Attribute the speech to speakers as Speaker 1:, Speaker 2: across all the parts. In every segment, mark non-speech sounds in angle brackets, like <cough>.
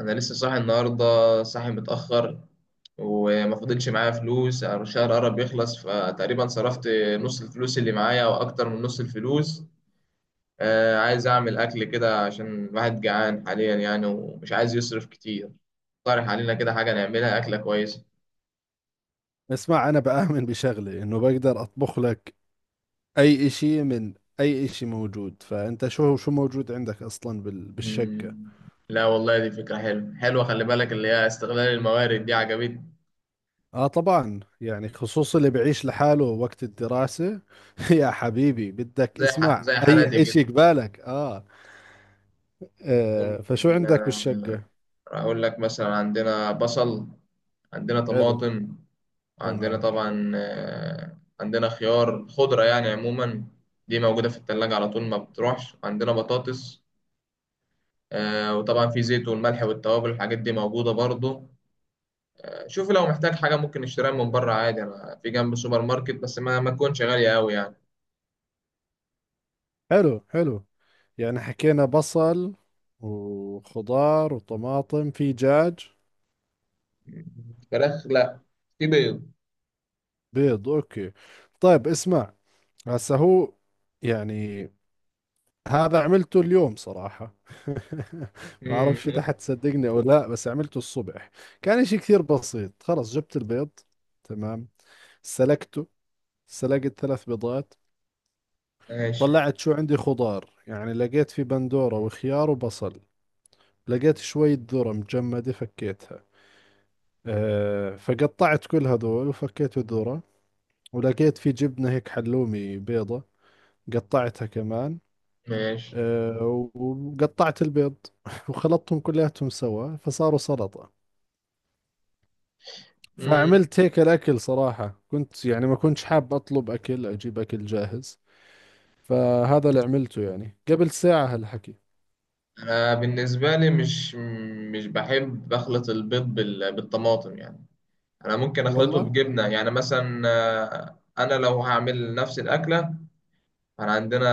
Speaker 1: انا لسه صاحي النهارده، صاحي متاخر. وما فضلش معايا فلوس، الشهر قرب يخلص فتقريبا صرفت نص الفلوس اللي معايا او اكتر من نص الفلوس. عايز اعمل اكل كده عشان الواحد جعان حاليا يعني ومش عايز يصرف كتير. اقترح علينا كده حاجه نعملها، اكله كويسه.
Speaker 2: اسمع، انا بآمن بشغلة انه بقدر اطبخ لك اي اشي من اي اشي موجود. فانت شو موجود عندك اصلا بالشقة.
Speaker 1: مم. لا والله، دي فكره حلوه حلوه، خلي بالك اللي هي استغلال الموارد دي عجبتني.
Speaker 2: اه، طبعا يعني خصوصا اللي بعيش لحاله وقت الدراسة. <laughs> يا حبيبي، بدك اسمع
Speaker 1: زي حالاتي
Speaker 2: اي
Speaker 1: كده.
Speaker 2: اشي قبالك. آه. اه، فشو
Speaker 1: ممكن،
Speaker 2: عندك بالشقة؟
Speaker 1: اقول لك مثلا عندنا بصل، عندنا
Speaker 2: حلو.
Speaker 1: طماطم، عندنا
Speaker 2: تمام.
Speaker 1: طبعا، عندنا خيار خضرة يعني عموما. دي موجودة في التلاجة على طول، ما بتروحش. عندنا بطاطس، وطبعا في زيت والملح والتوابل، الحاجات دي موجودة برضو. شوف لو محتاج حاجة ممكن نشتريها من بره عادي، أنا في جنب سوبر ماركت، بس ما تكونش غالية أوي يعني.
Speaker 2: حلو، حلو. يعني حكينا بصل وخضار وطماطم. في دجاج؟
Speaker 1: فراخ لا، في بيض.
Speaker 2: بيض، اوكي. طيب اسمع، هسه هو يعني هذا عملته اليوم صراحة. <laughs> ما
Speaker 1: مم.
Speaker 2: اعرفش اذا حتصدقني او لا، بس عملته الصبح. كان اشي كثير بسيط. خلص، جبت البيض، تمام، سلقته. سلقت 3 بيضات.
Speaker 1: ماشي
Speaker 2: طلعت شو عندي خضار، يعني لقيت في بندورة وخيار وبصل. لقيت شوية ذرة مجمدة فكيتها. فقطعت كل هذول وفكيت الذرة. ولقيت في جبنة هيك حلومي بيضة، قطعتها كمان.
Speaker 1: ماشي.
Speaker 2: وقطعت البيض. <laughs> وخلطتهم كلياتهم سوا، فصاروا سلطة.
Speaker 1: مم.
Speaker 2: فعملت هيك الأكل صراحة. كنت يعني ما كنتش حاب أطلب أكل، أجيب أكل جاهز. فهذا اللي عملته يعني قبل ساعة هالحكي.
Speaker 1: أنا بالنسبة لي مش بحب أخلط البيض بالطماطم يعني. انا ممكن اخلطه
Speaker 2: والله.
Speaker 1: بجبنه يعني مثلا، انا لو هعمل نفس الاكله. انا عندنا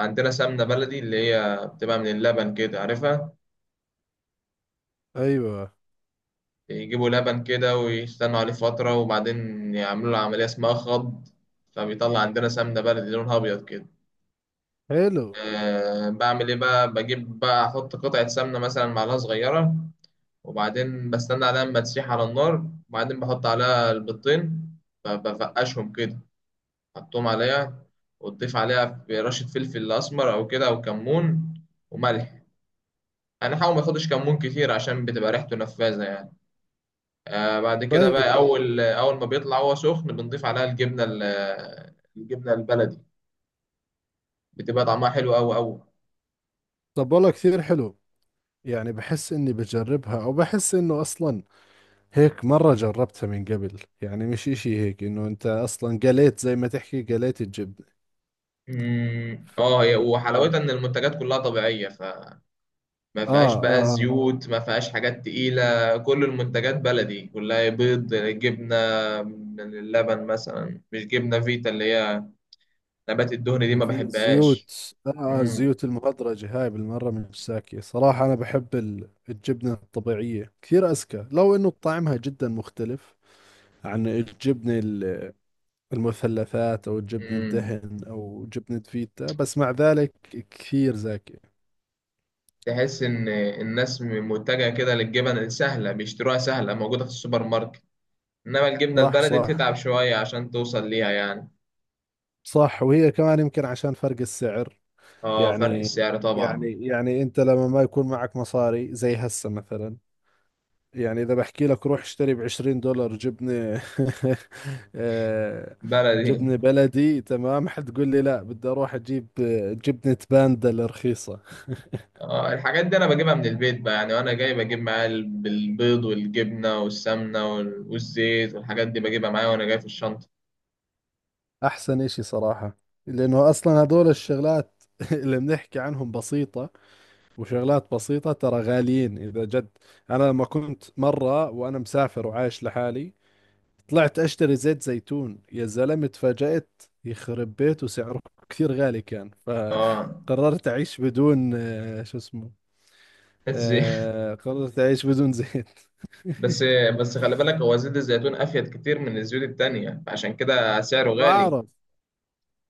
Speaker 1: عندنا سمنه بلدي اللي هي بتبقى من اللبن، كده عارفها.
Speaker 2: أيوة.
Speaker 1: يجيبوا لبن كده ويستنوا عليه فتره، وبعدين يعملوا له عمليه اسمها خض، فبيطلع عندنا سمنه بلدي لونها ابيض كده.
Speaker 2: حلو.
Speaker 1: أه، بعمل ايه بقى؟ بجيب بقى احط قطعه سمنه مثلا، معلقه صغيره، وبعدين بستنى عليها لما تسيح على النار، وبعدين بحط عليها البيضتين، فبفقشهم كده، حطهم عليها، وتضيف عليها رشة فلفل أسمر أو كده أو كمون، وملح. أنا حاول ما تاخدش كمون كتير عشان بتبقى ريحته نفاذة يعني. آه، بعد كده
Speaker 2: طيب.
Speaker 1: بقى، أول أول ما بيطلع هو سخن بنضيف عليها الجبنة، الجبنة البلدي. بتبقى طعمها حلو أوي أوي.
Speaker 2: طب، والله كثير حلو. يعني بحس إني بجربها، أو بحس إنه أصلا هيك مرة جربتها من قبل. يعني مش إشي هيك، إنه أنت أصلا قليت، زي ما تحكي، قليت الجبنة.
Speaker 1: مم، اه، هي
Speaker 2: آه. آه.
Speaker 1: وحلاوتها ان المنتجات كلها طبيعيه، فما
Speaker 2: آه.
Speaker 1: فيهاش بقى
Speaker 2: آه.
Speaker 1: زيوت، ما فيهاش حاجات تقيله. كل المنتجات بلدي كلها، بيض، جبنه من اللبن مثلا، مش جبنه فيتا اللي هي نبات الدهن دي ما
Speaker 2: الفي
Speaker 1: بحبهاش.
Speaker 2: الزيوت آه
Speaker 1: امم
Speaker 2: الزيوت المهدرجة هاي بالمرة مش ساكية صراحة. أنا بحب الجبنة الطبيعية كثير أزكى، لو إنه طعمها جدا مختلف عن الجبنة المثلثات، أو الجبنة
Speaker 1: امم
Speaker 2: الدهن، أو جبنة فيتا. بس مع ذلك كثير زاكية.
Speaker 1: تحس ان الناس متجهه كده للجبن السهله، بيشتروها سهله موجوده في السوبر ماركت، انما الجبنه
Speaker 2: صح.
Speaker 1: البلدي
Speaker 2: صح.
Speaker 1: بتتعب شويه عشان توصل ليها يعني.
Speaker 2: صح. وهي كمان يمكن عشان فرق السعر.
Speaker 1: اه، فرق
Speaker 2: يعني
Speaker 1: السعر طبعا.
Speaker 2: يعني أنت لما ما يكون معك مصاري زي هسه مثلا. يعني إذا بحكي لك روح اشتري 20 دولار جبنة، <laughs> آه،
Speaker 1: بلدي.
Speaker 2: جبنة بلدي، تمام، حتقول لي لا، بدي أروح أجيب جبنة باندا الرخيصة.
Speaker 1: اه، الحاجات دي انا بجيبها من البيت بقى يعني، وانا جاي بجيب معايا البيض والجبنه والسمنه والزيت، والحاجات دي بجيبها معايا وانا جاي في الشنطه.
Speaker 2: أحسن إشي صراحة، لأنه أصلا هدول الشغلات <laughs> اللي بنحكي عنهم بسيطة. وشغلات بسيطة ترى غاليين إذا جد. أنا لما كنت مرة وأنا مسافر وعايش لحالي، طلعت اشتري زيت زيتون، يا زلمة، اتفاجأت يخرب بيته سعره كثير غالي كان.
Speaker 1: اه،
Speaker 2: فقررت <laughs> اعيش بدون، شو اسمه،
Speaker 1: الزيت. <laughs>
Speaker 2: قررت اعيش بدون زيت.
Speaker 1: بس
Speaker 2: <laughs>
Speaker 1: بس خلي بالك، هو زيت الزيتون افيد كتير من الزيوت التانية عشان كده سعره غالي.
Speaker 2: بعرف.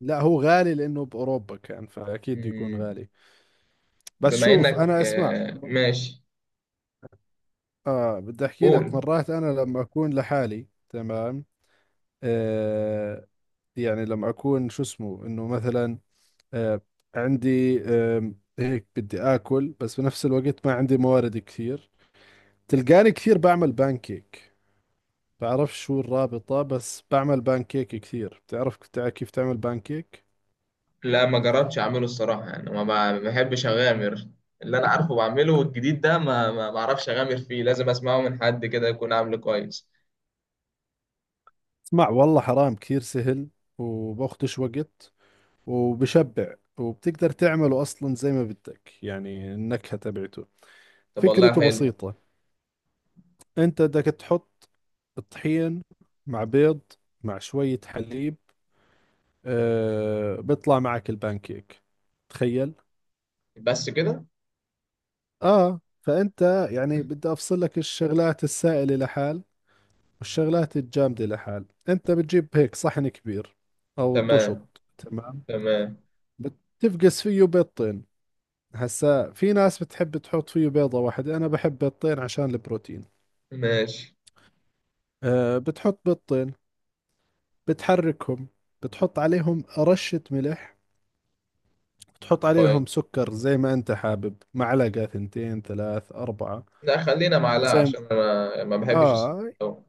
Speaker 2: لا، هو غالي لانه باوروبا كان، فاكيد بده يكون
Speaker 1: مم،
Speaker 2: غالي. بس
Speaker 1: بما
Speaker 2: شوف، انا
Speaker 1: انك،
Speaker 2: اسمع.
Speaker 1: ماشي.
Speaker 2: اه بدي احكي لك،
Speaker 1: قول.
Speaker 2: مرات انا لما اكون لحالي تمام. آه يعني لما اكون شو اسمه انه مثلا، آه، عندي هيك بدي آكل، بس بنفس الوقت ما عندي موارد كثير. تلقاني كثير بعمل بانكيك. بعرف شو الرابطة، بس بعمل بانكيك كثير. بتعرف كيف تعمل بانكيك؟
Speaker 1: لا، ما جربتش اعمله الصراحه يعني، ما بحبش اغامر. اللي انا عارفه بعمله، والجديد ده ما بعرفش اغامر فيه، لازم اسمعه من حد كده يكون عامله كويس.
Speaker 2: اسمع، والله حرام كثير سهل، وباخدش وقت، وبشبع، وبتقدر تعمله أصلا زي ما بدك، يعني النكهة تبعته.
Speaker 1: طب والله
Speaker 2: فكرته
Speaker 1: حلو.
Speaker 2: بسيطة. أنت بدك تحط الطحين، مع بيض، مع شوية حليب. بيطلع معك البانكيك. تخيل.
Speaker 1: بس كده؟
Speaker 2: اه فانت يعني بدي افصل لك الشغلات السائلة لحال، والشغلات الجامدة لحال. انت بتجيب هيك صحن كبير او
Speaker 1: تمام
Speaker 2: طشط، تمام.
Speaker 1: تمام.
Speaker 2: بتفقس فيه بيضتين. هسا في ناس بتحب تحط فيه بيضة واحدة، انا بحب بيضتين عشان البروتين.
Speaker 1: ماشي
Speaker 2: بتحط بيضتين، بتحركهم، بتحط عليهم رشة ملح، بتحط
Speaker 1: كويس.
Speaker 2: عليهم سكر زي ما انت حابب، معلقة، ثنتين، ثلاث، اربعة.
Speaker 1: لا، خلينا معلقه
Speaker 2: زي
Speaker 1: عشان انا ما بحبش السكر
Speaker 2: آه
Speaker 1: أوي.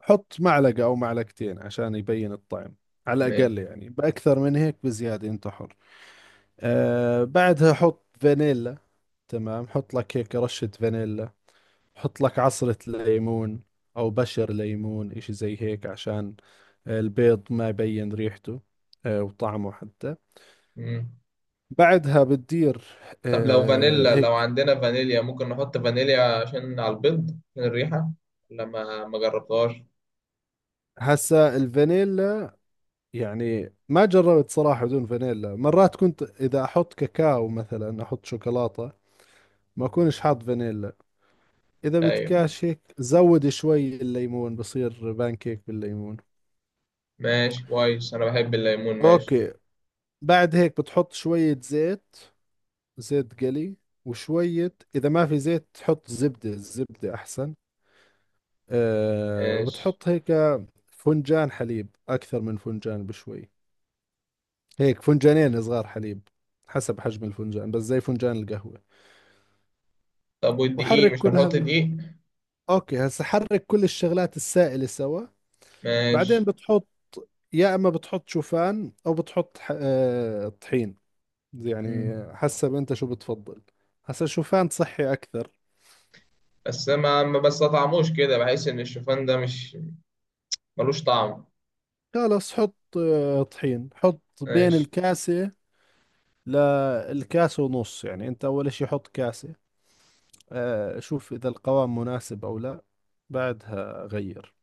Speaker 2: حط معلقة أو معلقتين عشان يبين الطعم على
Speaker 1: ماشي.
Speaker 2: الأقل يعني، بأكثر من هيك بزيادة أنت حر. بعدها حط فانيلا. تمام، حط لك هيك رشة فانيلا. حط لك عصرة ليمون، أو بشر ليمون، إشي زي هيك عشان البيض ما يبين ريحته وطعمه حتى.
Speaker 1: مم.
Speaker 2: بعدها بتدير
Speaker 1: طب لو فانيلا، لو
Speaker 2: هيك.
Speaker 1: عندنا فانيليا ممكن نحط فانيليا عشان على البيض، عشان الريحه، لما ما جربتهاش.
Speaker 2: هسا الفانيلا، يعني ما جربت صراحة بدون فانيلا. مرات كنت إذا أحط كاكاو مثلا، أحط شوكولاتة، ما أكونش حاط فانيلا. إذا
Speaker 1: ايوه،
Speaker 2: بدكاش هيك زود شوي الليمون، بصير بانكيك بالليمون.
Speaker 1: ماشي كويس، انا بحب الليمون. ماشي.
Speaker 2: أوكي. بعد هيك بتحط شوية زيت، زيت قلي، وشوية إذا ما في زيت تحط زبدة، الزبدة أحسن.
Speaker 1: ماشي.
Speaker 2: وبتحط هيك فنجان حليب، أكثر من فنجان بشوي، هيك فنجانين صغار حليب، حسب حجم الفنجان، بس زي فنجان القهوة.
Speaker 1: طب والدقيق،
Speaker 2: وحرك
Speaker 1: مش
Speaker 2: كل
Speaker 1: هنحط
Speaker 2: هذا.
Speaker 1: دقيق؟
Speaker 2: اوكي، هسه حرك كل الشغلات السائلة سوا. بعدين
Speaker 1: ماشي.
Speaker 2: بتحط، يا اما بتحط شوفان او بتحط طحين، يعني
Speaker 1: مم.
Speaker 2: حسب انت شو بتفضل. هسه شوفان صحي اكثر.
Speaker 1: بس ما بستطعموش كده، بحس ان الشوفان ده مش ملوش طعم.
Speaker 2: خلص حط طحين، حط بين
Speaker 1: ماشي.
Speaker 2: الكاسة للكاسة ونص، يعني انت اول شي حط كاسة، شوف اذا القوام مناسب او لا، بعدها غير،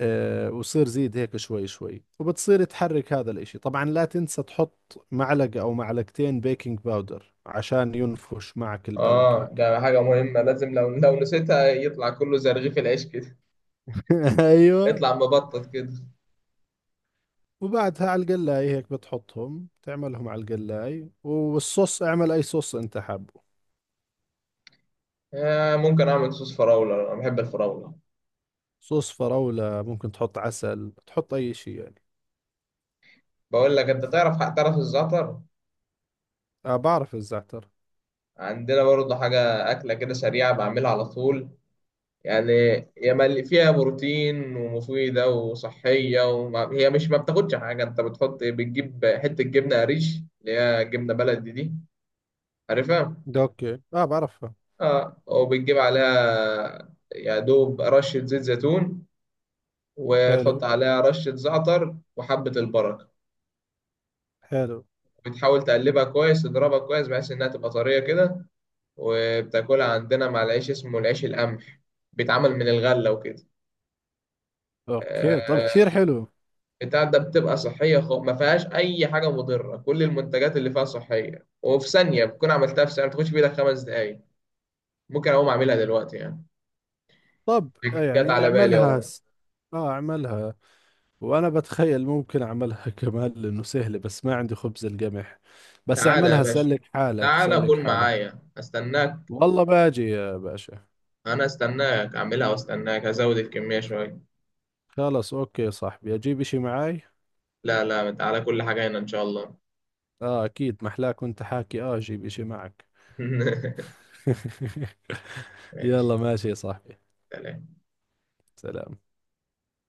Speaker 2: وصير زيد هيك شوي شوي وبتصير تحرك هذا الاشي. طبعا لا تنسى تحط معلقة او معلقتين بيكنج باودر عشان ينفش معك
Speaker 1: اه،
Speaker 2: البانكيك.
Speaker 1: ده حاجة مهمة، لازم لو نسيتها يطلع كله زي رغيف العيش كده،
Speaker 2: <laughs> ايوه.
Speaker 1: يطلع مبطط كده.
Speaker 2: وبعدها على القلاية هيك بتحطهم، تعملهم على القلاية، والصوص اعمل اي صوص انت حابه.
Speaker 1: آه، ممكن اعمل صوص فراولة، انا بحب الفراولة.
Speaker 2: صوص فراولة ممكن، تحط عسل، تحط اي شيء يعني.
Speaker 1: بقول لك، انت تعرف الزعتر؟
Speaker 2: اه، بعرف الزعتر.
Speaker 1: عندنا برضه حاجة أكلة كده سريعة بعملها على طول يعني، فيها بروتين ومفيدة وصحية، وما هي مش ما بتاخدش حاجة، انت بتحط، بتجيب حتة جبنة قريش اللي هي جبنة بلدي دي، عارفها؟
Speaker 2: ده اوكي، اه بعرفها.
Speaker 1: اه، وبتجيب عليها يا دوب رشة زيت زيتون،
Speaker 2: حلو.
Speaker 1: وتحط عليها رشة زعتر وحبة البركة.
Speaker 2: حلو.
Speaker 1: بتحاول تقلبها كويس، تضربها كويس بحيث انها تبقى طرية كده، وبتاكلها عندنا مع العيش، اسمه العيش القمح، بيتعمل من الغلة وكده.
Speaker 2: اوكي، طب
Speaker 1: آه.
Speaker 2: كثير حلو.
Speaker 1: بتاع ده بتبقى صحية خالص، ما فيهاش أي حاجة مضرة، كل المنتجات اللي فيها صحية، وفي ثانية بتكون عملتها، في ثانية ما بتاخدش بإيدك 5 دقايق، ممكن أقوم أعملها دلوقتي يعني.
Speaker 2: طب،
Speaker 1: جت
Speaker 2: يعني
Speaker 1: على بالي والله.
Speaker 2: اه اعملها، وانا بتخيل ممكن اعملها <laughs> كمان لانه سهله، بس ما عندي خبز القمح. بس
Speaker 1: تعالى يا
Speaker 2: اعملها،
Speaker 1: باشا،
Speaker 2: سلك حالك،
Speaker 1: تعالى
Speaker 2: سلك
Speaker 1: كل
Speaker 2: حالك.
Speaker 1: معايا أستناك.
Speaker 2: والله باجي يا باشا.
Speaker 1: أنا أستناك أعملها وأستناك هزود الكمية شوية.
Speaker 2: خلص اوكي يا صاحبي، اجيب اشي معاي.
Speaker 1: لا لا، تعالى، كل حاجة هنا إن شاء الله.
Speaker 2: اه اكيد، محلاك وانت حاكي، اجيب اشي معك.
Speaker 1: <laughs>
Speaker 2: <laughs>
Speaker 1: ماشي.
Speaker 2: يلا ماشي يا صاحبي.
Speaker 1: سلام.
Speaker 2: سلام.